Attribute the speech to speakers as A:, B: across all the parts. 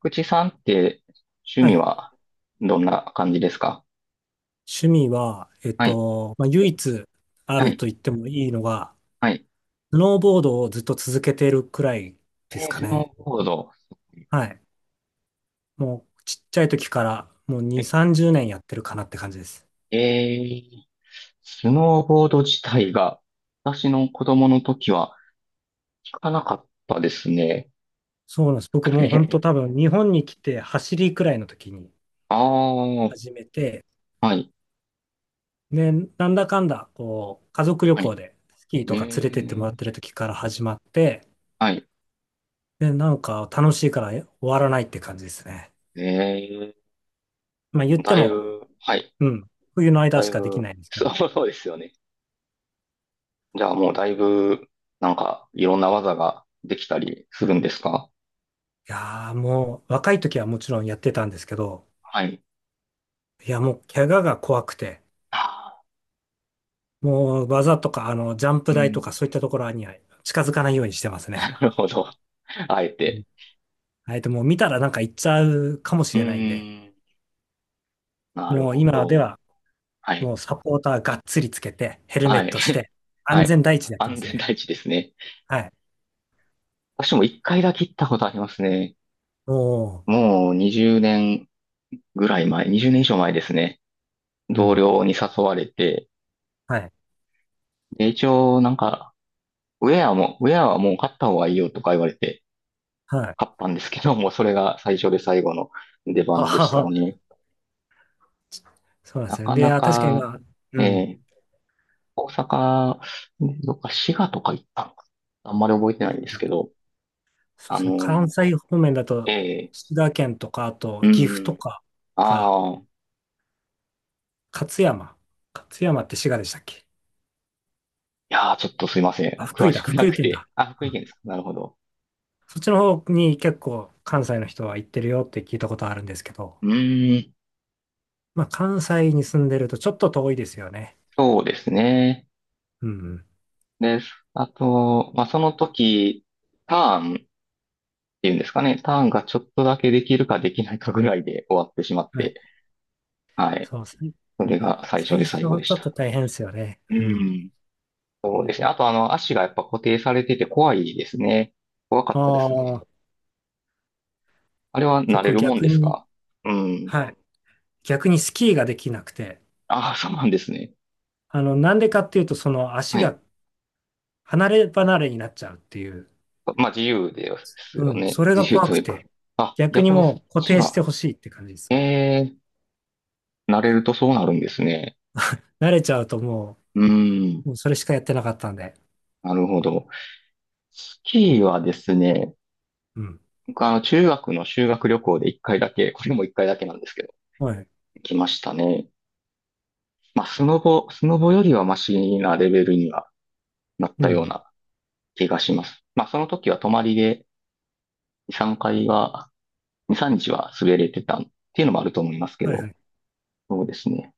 A: 口さんって
B: は
A: 趣味
B: い。
A: はどんな感じですか？
B: 趣味は、
A: はい、
B: まあ、唯一あ
A: は
B: る
A: い、
B: と言ってもいいのが、
A: はい。
B: スノーボードをずっと続けてるくらいで
A: え
B: す
A: ー
B: か
A: スノ
B: ね。
A: ーボード。
B: はい。もうちっちゃい時からもう
A: え、
B: 2、30年やってるかなって感じです。
A: えースノーボード自体が私の子供の時は聞かなかったですね。
B: そうなんです。僕もう本当多 分日本に来て走りくらいの時に
A: ああ、は
B: 始めて、
A: い、
B: で、なんだかんだ、こう、家族旅
A: はい。
B: 行でスキー
A: え
B: とか連れてっても
A: ー、
B: らってる時から始まって、
A: はい。
B: で、なんか楽しいから終わらないって感じですね。
A: え
B: まあ言って
A: だい
B: も、
A: ぶ、はい、
B: うん。冬の間
A: だ
B: し
A: い
B: かでき
A: ぶ、
B: ないんで すけど。
A: そうそうですよね。じゃあもうだいぶ、なんか、いろんな技ができたりするんですか？
B: いやーもう、若い時はもちろんやってたんですけど、
A: はい。
B: いやもう、怪我が怖くて、
A: ああ、
B: もう、技とか、ジャンプ
A: う
B: 台とか
A: ん、
B: そういったところには近づかないようにしてます
A: な
B: ね。
A: るほど。あえ
B: うん。
A: て。
B: もう見たらなんか行っちゃうかもし
A: う
B: れないんで、
A: ーん。なる
B: もう
A: ほ
B: 今で
A: ど。
B: は、
A: はい。
B: もうサポーターがっつりつけて、ヘルメ
A: は
B: ッ
A: い。
B: トし て、安
A: はい。
B: 全第一でやってま
A: 安
B: す
A: 全
B: ね。
A: 第一ですね。
B: はい。
A: 私も一回だけ行ったことありますね。
B: おー、
A: もう20年ぐらい前、20年以上前ですね。
B: う
A: 同
B: ん。
A: 僚に誘われて、
B: はい。
A: で、一応なんか、ウェアはもう買った方がいいよとか言われて、
B: はい。
A: 買ったんですけども、それが最初で最後の出
B: あ
A: 番で
B: は
A: した
B: は。
A: ね。
B: そうなんで
A: な
B: す
A: か
B: ね。い
A: な
B: やー、確かにま
A: か、
B: あ、うん。
A: ええ大阪、ねどっか滋賀とか行ったのかな、あんまり覚えてないんですけど、
B: そうで
A: あ
B: すね。関
A: の、
B: 西方面だ
A: え
B: と、
A: え、
B: 滋賀県とか、あ
A: う
B: と岐阜と
A: ん、
B: かか、
A: ああ、い
B: 勝山。勝山って滋賀でしたっけ？
A: やー、ちょっとすいません。
B: あ、福
A: 詳
B: 井
A: し
B: だ、
A: くな
B: 福井
A: く
B: 県
A: て。
B: だ。
A: あ、福
B: う
A: 井
B: ん
A: 県ですか。なるほど。
B: そっちの方に結構関西の人は行ってるよって聞いたことあるんですけど、
A: うーん、
B: まあ関西に住んでるとちょっと遠いですよね。
A: そうですね。
B: うん、う
A: です。あと、まあ、その時、ターンっていうんですかね。ターンがちょっとだけできるかできないかぐらいで終わってしまっ
B: ん。は
A: て、
B: い。
A: はい。
B: そうですね。
A: それが最初
B: 最
A: で
B: 初
A: 最
B: ち
A: 後
B: ょ
A: で
B: っ
A: し
B: と
A: た。
B: 大変ですよね。
A: う
B: うん。
A: ん。そうですね。あと、あの、足がやっぱ固定されてて怖いですね。怖か
B: あ
A: ったですね。
B: あ、
A: あれは慣れ
B: 僕
A: るもんで
B: 逆
A: す
B: に、
A: か？うん。
B: はい。逆にスキーができなくて、
A: ああ、そうなんですね。
B: なんでかっていうと、その足
A: はい。
B: が離れ離れになっちゃうっていう。
A: まあ、自由です
B: う
A: よ
B: ん。
A: ね。
B: それ
A: 自
B: が
A: 由
B: 怖
A: とい
B: く
A: うか。
B: て。
A: あ、
B: 逆に
A: 逆にそっ
B: もう固
A: ち
B: 定して
A: が、
B: ほしいって感じです
A: え
B: わ。
A: え慣れるとそうなるんですね。
B: 慣れちゃうとも
A: うん。
B: う、もうそれしかやってなかったんで。
A: なるほど。スキーはですね、
B: うん。
A: 僕あの、中学の修学旅行で一回だけ、これも一回だけなんですけど、
B: はい。
A: 来ましたね。まあ、スノボよりはマシなレベルにはなっ
B: う
A: たよう
B: ん。
A: な気がします。まあ、その時は泊まりで2、3回は、2、3日は滑れてたっていうのもあると思いますけ
B: はいは
A: ど、
B: い。好
A: そうですね。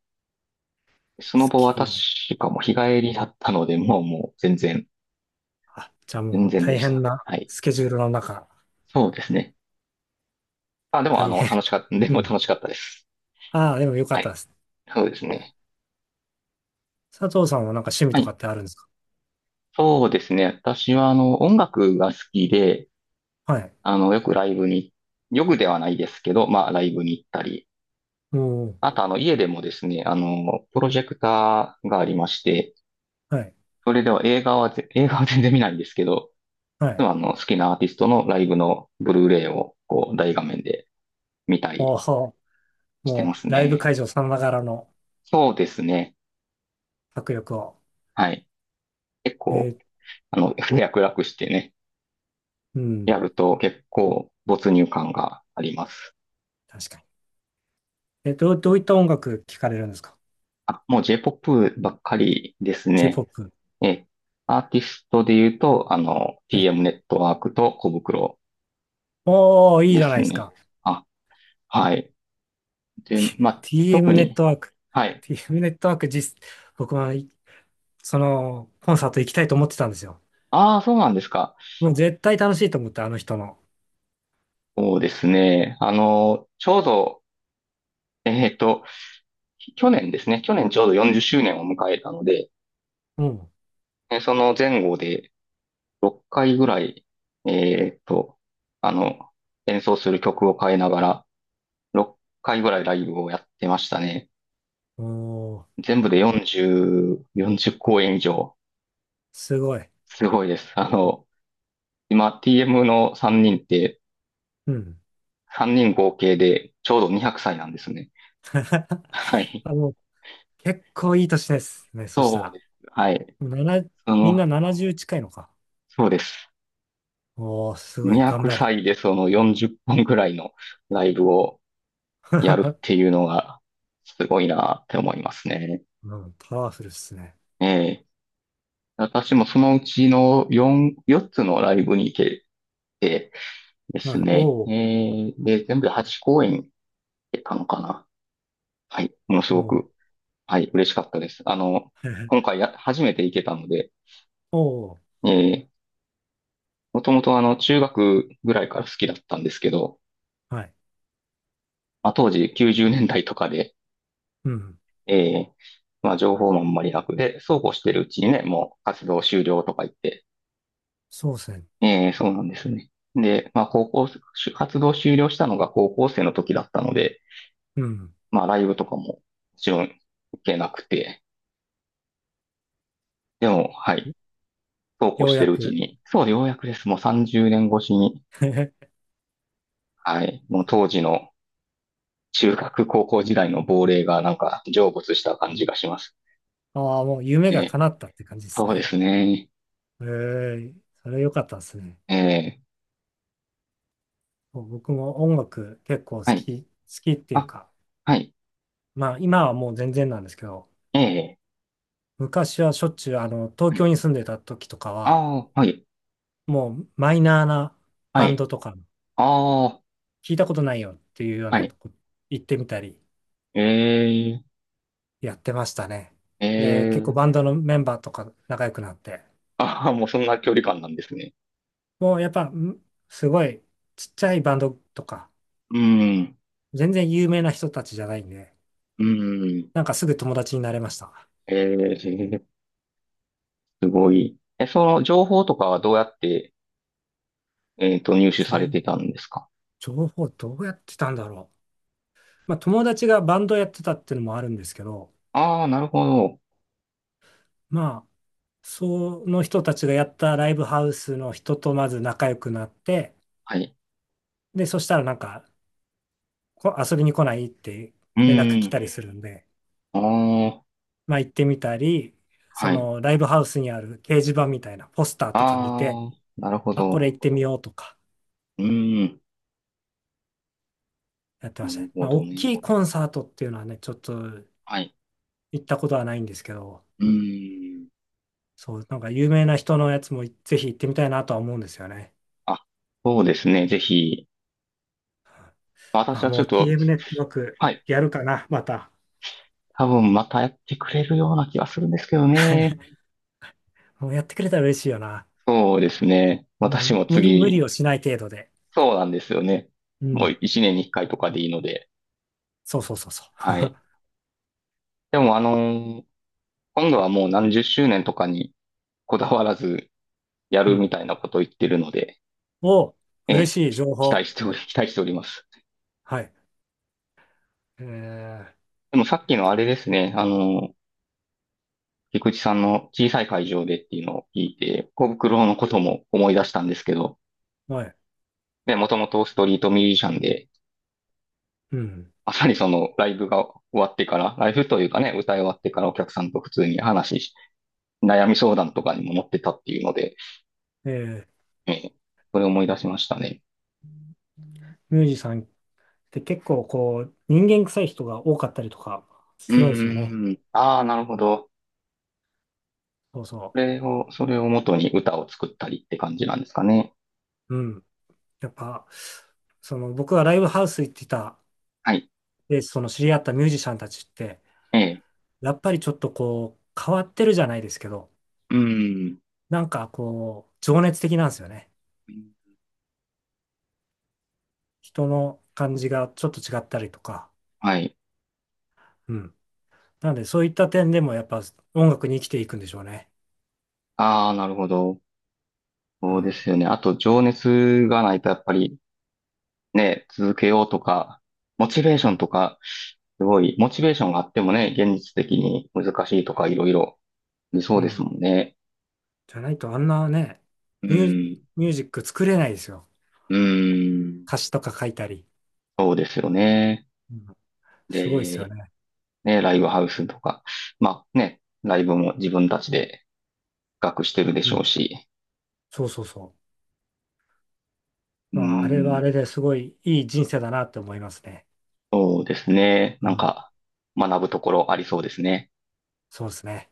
A: スノボは
B: き
A: 確
B: ね。
A: かもう日帰りだったので、もう全然、
B: あ、じゃあ
A: 全
B: もう
A: 然で
B: 大
A: し
B: 変
A: た。
B: な
A: はい。
B: スケジュールの中。
A: そうですね。あ、でもあ
B: 大
A: の、
B: 変。
A: 楽しかった、で
B: う
A: も
B: ん。
A: 楽しかったです。
B: ああ、でもよか
A: は
B: った
A: い。
B: です。
A: そうですね。
B: 佐藤さんはなんか趣味
A: は
B: とか
A: い。
B: ってあるんですか？
A: そうですね。私はあの、音楽が好きで、
B: はい。
A: あの、よくライブに、よくではないですけど、まあ、ライブに行ったり、
B: も
A: あとあの、家でもですね、あの、プロジェクターがありまして、
B: う、はい。
A: それでは映画は全然見ないんですけど、
B: は
A: いつ
B: い。
A: もあの、好きなアーティストのライブのブルーレイを、こう、大画面で見た
B: お
A: り
B: お、
A: してま
B: も
A: す
B: うライブ
A: ね。
B: 会場さながらの
A: そうですね。
B: 迫力を。
A: はい。結
B: え
A: 構、
B: ー
A: あの、脈絡してね、
B: うん。
A: やると結構没入感があります。
B: 確かに。どういった音楽聴かれるんですか？
A: あ、もう J-POP ばっかりです
B: j ポ
A: ね。
B: ップ、
A: え、アーティストで言うと、あの、
B: はい。
A: TM ネットワークと小袋
B: おー、いい
A: で
B: じゃな
A: す
B: いです
A: ね。
B: か。
A: あ、はい。で、まあ、特
B: TM ネッ
A: に、
B: トワーク。
A: はい。
B: TM ネットワーク、僕はコンサート行きたいと思ってたんですよ。
A: ああ、そうなんですか。
B: もう絶対楽しいと思って、あの人の。
A: そうですね。あの、ちょうど、えっと、去年ですね。去年ちょうど40周年を迎えたので、
B: うん。
A: その前後で6回ぐらい、えっと、あの、演奏する曲を変えながら、6回ぐらいライブをやってましたね。
B: おー、
A: 全部で40、40公演以上。
B: すごい。
A: すごいです。あの、今 TM の3人って、
B: うん。
A: 3人合計でちょうど200歳なんですね。はい。
B: あの、結構いい年ですね、そした
A: そう
B: ら。
A: です。はい。
B: もうなな
A: そ
B: みんな
A: の、
B: 70近いのか。
A: そうです。
B: おー、すごい、
A: 200
B: 頑張る。
A: 歳でその40本ぐらいのライブをやるって いうのがすごいなって思いますね。
B: うん、パワフルっすね。
A: ええ。私もそのうちの4、4つのライブに行けてで
B: は
A: す
B: い。
A: ね。
B: おー、
A: ええ、で、全部で8公演行けたのかな。はい。ものす
B: お
A: ご
B: ー、
A: く、はい、嬉しかったです。あの、今 回や、初めて行けたので、
B: おー、
A: ええ、もともとあの、中学ぐらいから好きだったんですけど、
B: はい。
A: まあ、当時90年代とかで、
B: うん。
A: ええまあ、情報もあんまり楽で、そうこうしてるうちにね、もう活動終了とか言って、
B: そうですね。
A: ええそうなんですね。で、まあ、高校、活動終了したのが高校生の時だったので、
B: うん。
A: まあ、ライブとかももちろんけなくて、でも、はい、そうこう
B: よ
A: し
B: う
A: て
B: や
A: るうち
B: く。
A: に、そう、ようやくです。もう30年越しに、はい、もう当時の中学高校時代の亡霊がなんか成仏した感じがします。
B: ああ、もう夢
A: え
B: が
A: え
B: 叶ったって感じです
A: そうで
B: ね。
A: すね。
B: ええ、それ良かったですね。
A: ええ
B: 僕も音楽結構好
A: はい。
B: き、好きっていう
A: あ、
B: か、
A: はい。
B: まあ今はもう全然なんですけど、
A: ええ
B: 昔はしょっちゅう東
A: は
B: 京
A: い。
B: に住んでた時とかは、
A: ああ、はい、
B: もうマイナーな
A: は
B: バン
A: い。
B: ドとか、
A: ああ、
B: 聞いたことないよっていうよう
A: は
B: な
A: い。
B: とこ行ってみたり
A: ええ、
B: やってましたね。
A: え
B: で、結構
A: え、
B: バンドのメンバーとか仲良くなって、
A: ああ、もうそんな距離感なんですね。
B: もうやっぱんすごいちっちゃいバンドとか、
A: うん、
B: 全然有名な人たちじゃないんで、
A: うん、
B: なんかすぐ友達になれました。
A: ええ、すごい。え、その情報とかはどうやって、入手され
B: 情、
A: てたんですか？
B: 情報どうやってたんだろう。まあ友達がバンドやってたっていうのもあるんですけど、
A: ああ、なるほど。
B: まあ、その人たちがやったライブハウスの人とまず仲良くなって、
A: はい。
B: で、そしたらなんか、遊びに来ないって
A: う
B: 連絡来
A: ん、
B: たりするんで、
A: ああ、
B: まあ行ってみたり、そ
A: はい。
B: のライブハウスにある掲示板みたいなポスターとか見て、
A: ああ、なるほ
B: あ、こ
A: ど。
B: れ行ってみようとか
A: うん、
B: やってま
A: な
B: した
A: る
B: ね。
A: ほ
B: まあ
A: ど
B: 大
A: ね。
B: きいコンサートっていうのはね、ちょっと
A: はい。
B: 行ったことはないんですけど、
A: うん、
B: そう、なんか有名な人のやつもぜひ行ってみたいなとは思うんですよね。
A: あ、そうですね。ぜひ、
B: ま
A: 私
B: あ
A: はちょ
B: も
A: っ
B: う
A: と、
B: TM ネットワーク
A: はい、
B: やるかな、また。
A: 多分またやってくれるような気がするんですけどね。
B: もうやってくれたら嬉しいよな。
A: そうですね。
B: う
A: 私
B: ん、
A: も
B: 無理、無
A: 次、
B: 理をしない程度で。
A: そうなんですよね。
B: う
A: も
B: ん。
A: う一年に一回とかでいいので。
B: そうそうそうそ
A: はい。でもあのー今度はもう何十周年とかにこだわらずや
B: う。う
A: るみ
B: ん。
A: たいなことを言ってるので、
B: お、
A: え
B: 嬉
A: え、
B: しい
A: き
B: 情
A: 期待
B: 報。
A: しており、期待しております。
B: はい。え
A: でもさっきのあれですね、あのー菊池さんの小さい会場でっていうのを聞いて、小袋のことも思い出したんですけど、
B: はい。
A: ね、もともとストリートミュージシャンで、
B: うん。
A: まさにそのライブが終わってから、ライブというかね、歌い終わってからお客さんと普通に話し、悩み相談とかにも乗ってたっていうので、
B: えー、
A: えー、それを思い出しましたね。
B: ミュージさんって結構こう、人間臭い人が多かったりとか
A: う
B: するんですよね。
A: ーん。ああ、なるほど。
B: そう
A: そ
B: そ
A: れを、それを元に歌を作ったりって感じなんですかね。
B: う。うん。なんか、僕はライブハウス行ってた、
A: はい。
B: で、その知り合ったミュージシャンたちって、
A: ええ。
B: やっぱりちょっとこう、変わってるじゃないですけど、
A: うーん。
B: なんかこう、情熱的なんですよね。人の感じがちょっと違ったりとか。
A: はい。
B: うん。なので、そういった点でもやっぱ音楽に生きていくんでしょうね。
A: ああ、なるほど。
B: う
A: そうで
B: ん。
A: すよね。あと、情熱がないとやっぱりね、続けようとか、モチベーシ
B: う
A: ョン
B: ん。
A: とか、すごい、モチベーションがあってもね、現実的に難しいとかいろいろありそ
B: う
A: うです
B: ん。
A: もんね。
B: じゃないとあんなね、
A: う
B: ミュー、
A: ん、
B: ミュージック作れないですよ。
A: うん、
B: 歌詞とか書いたり。
A: そうですよね。
B: うん。すごいですよ
A: で、
B: ね。
A: ね、ライブハウスとか、まあね、ライブも自分たちで企画してるで
B: う
A: しょ
B: ん。
A: うし、
B: そうそうそう。
A: う
B: まあ、あれはあ
A: ん、
B: れですごいいい人生だなって思いますね。
A: そうですね。
B: う
A: なん
B: ん。
A: か、学ぶところありそうですね。
B: そうですね。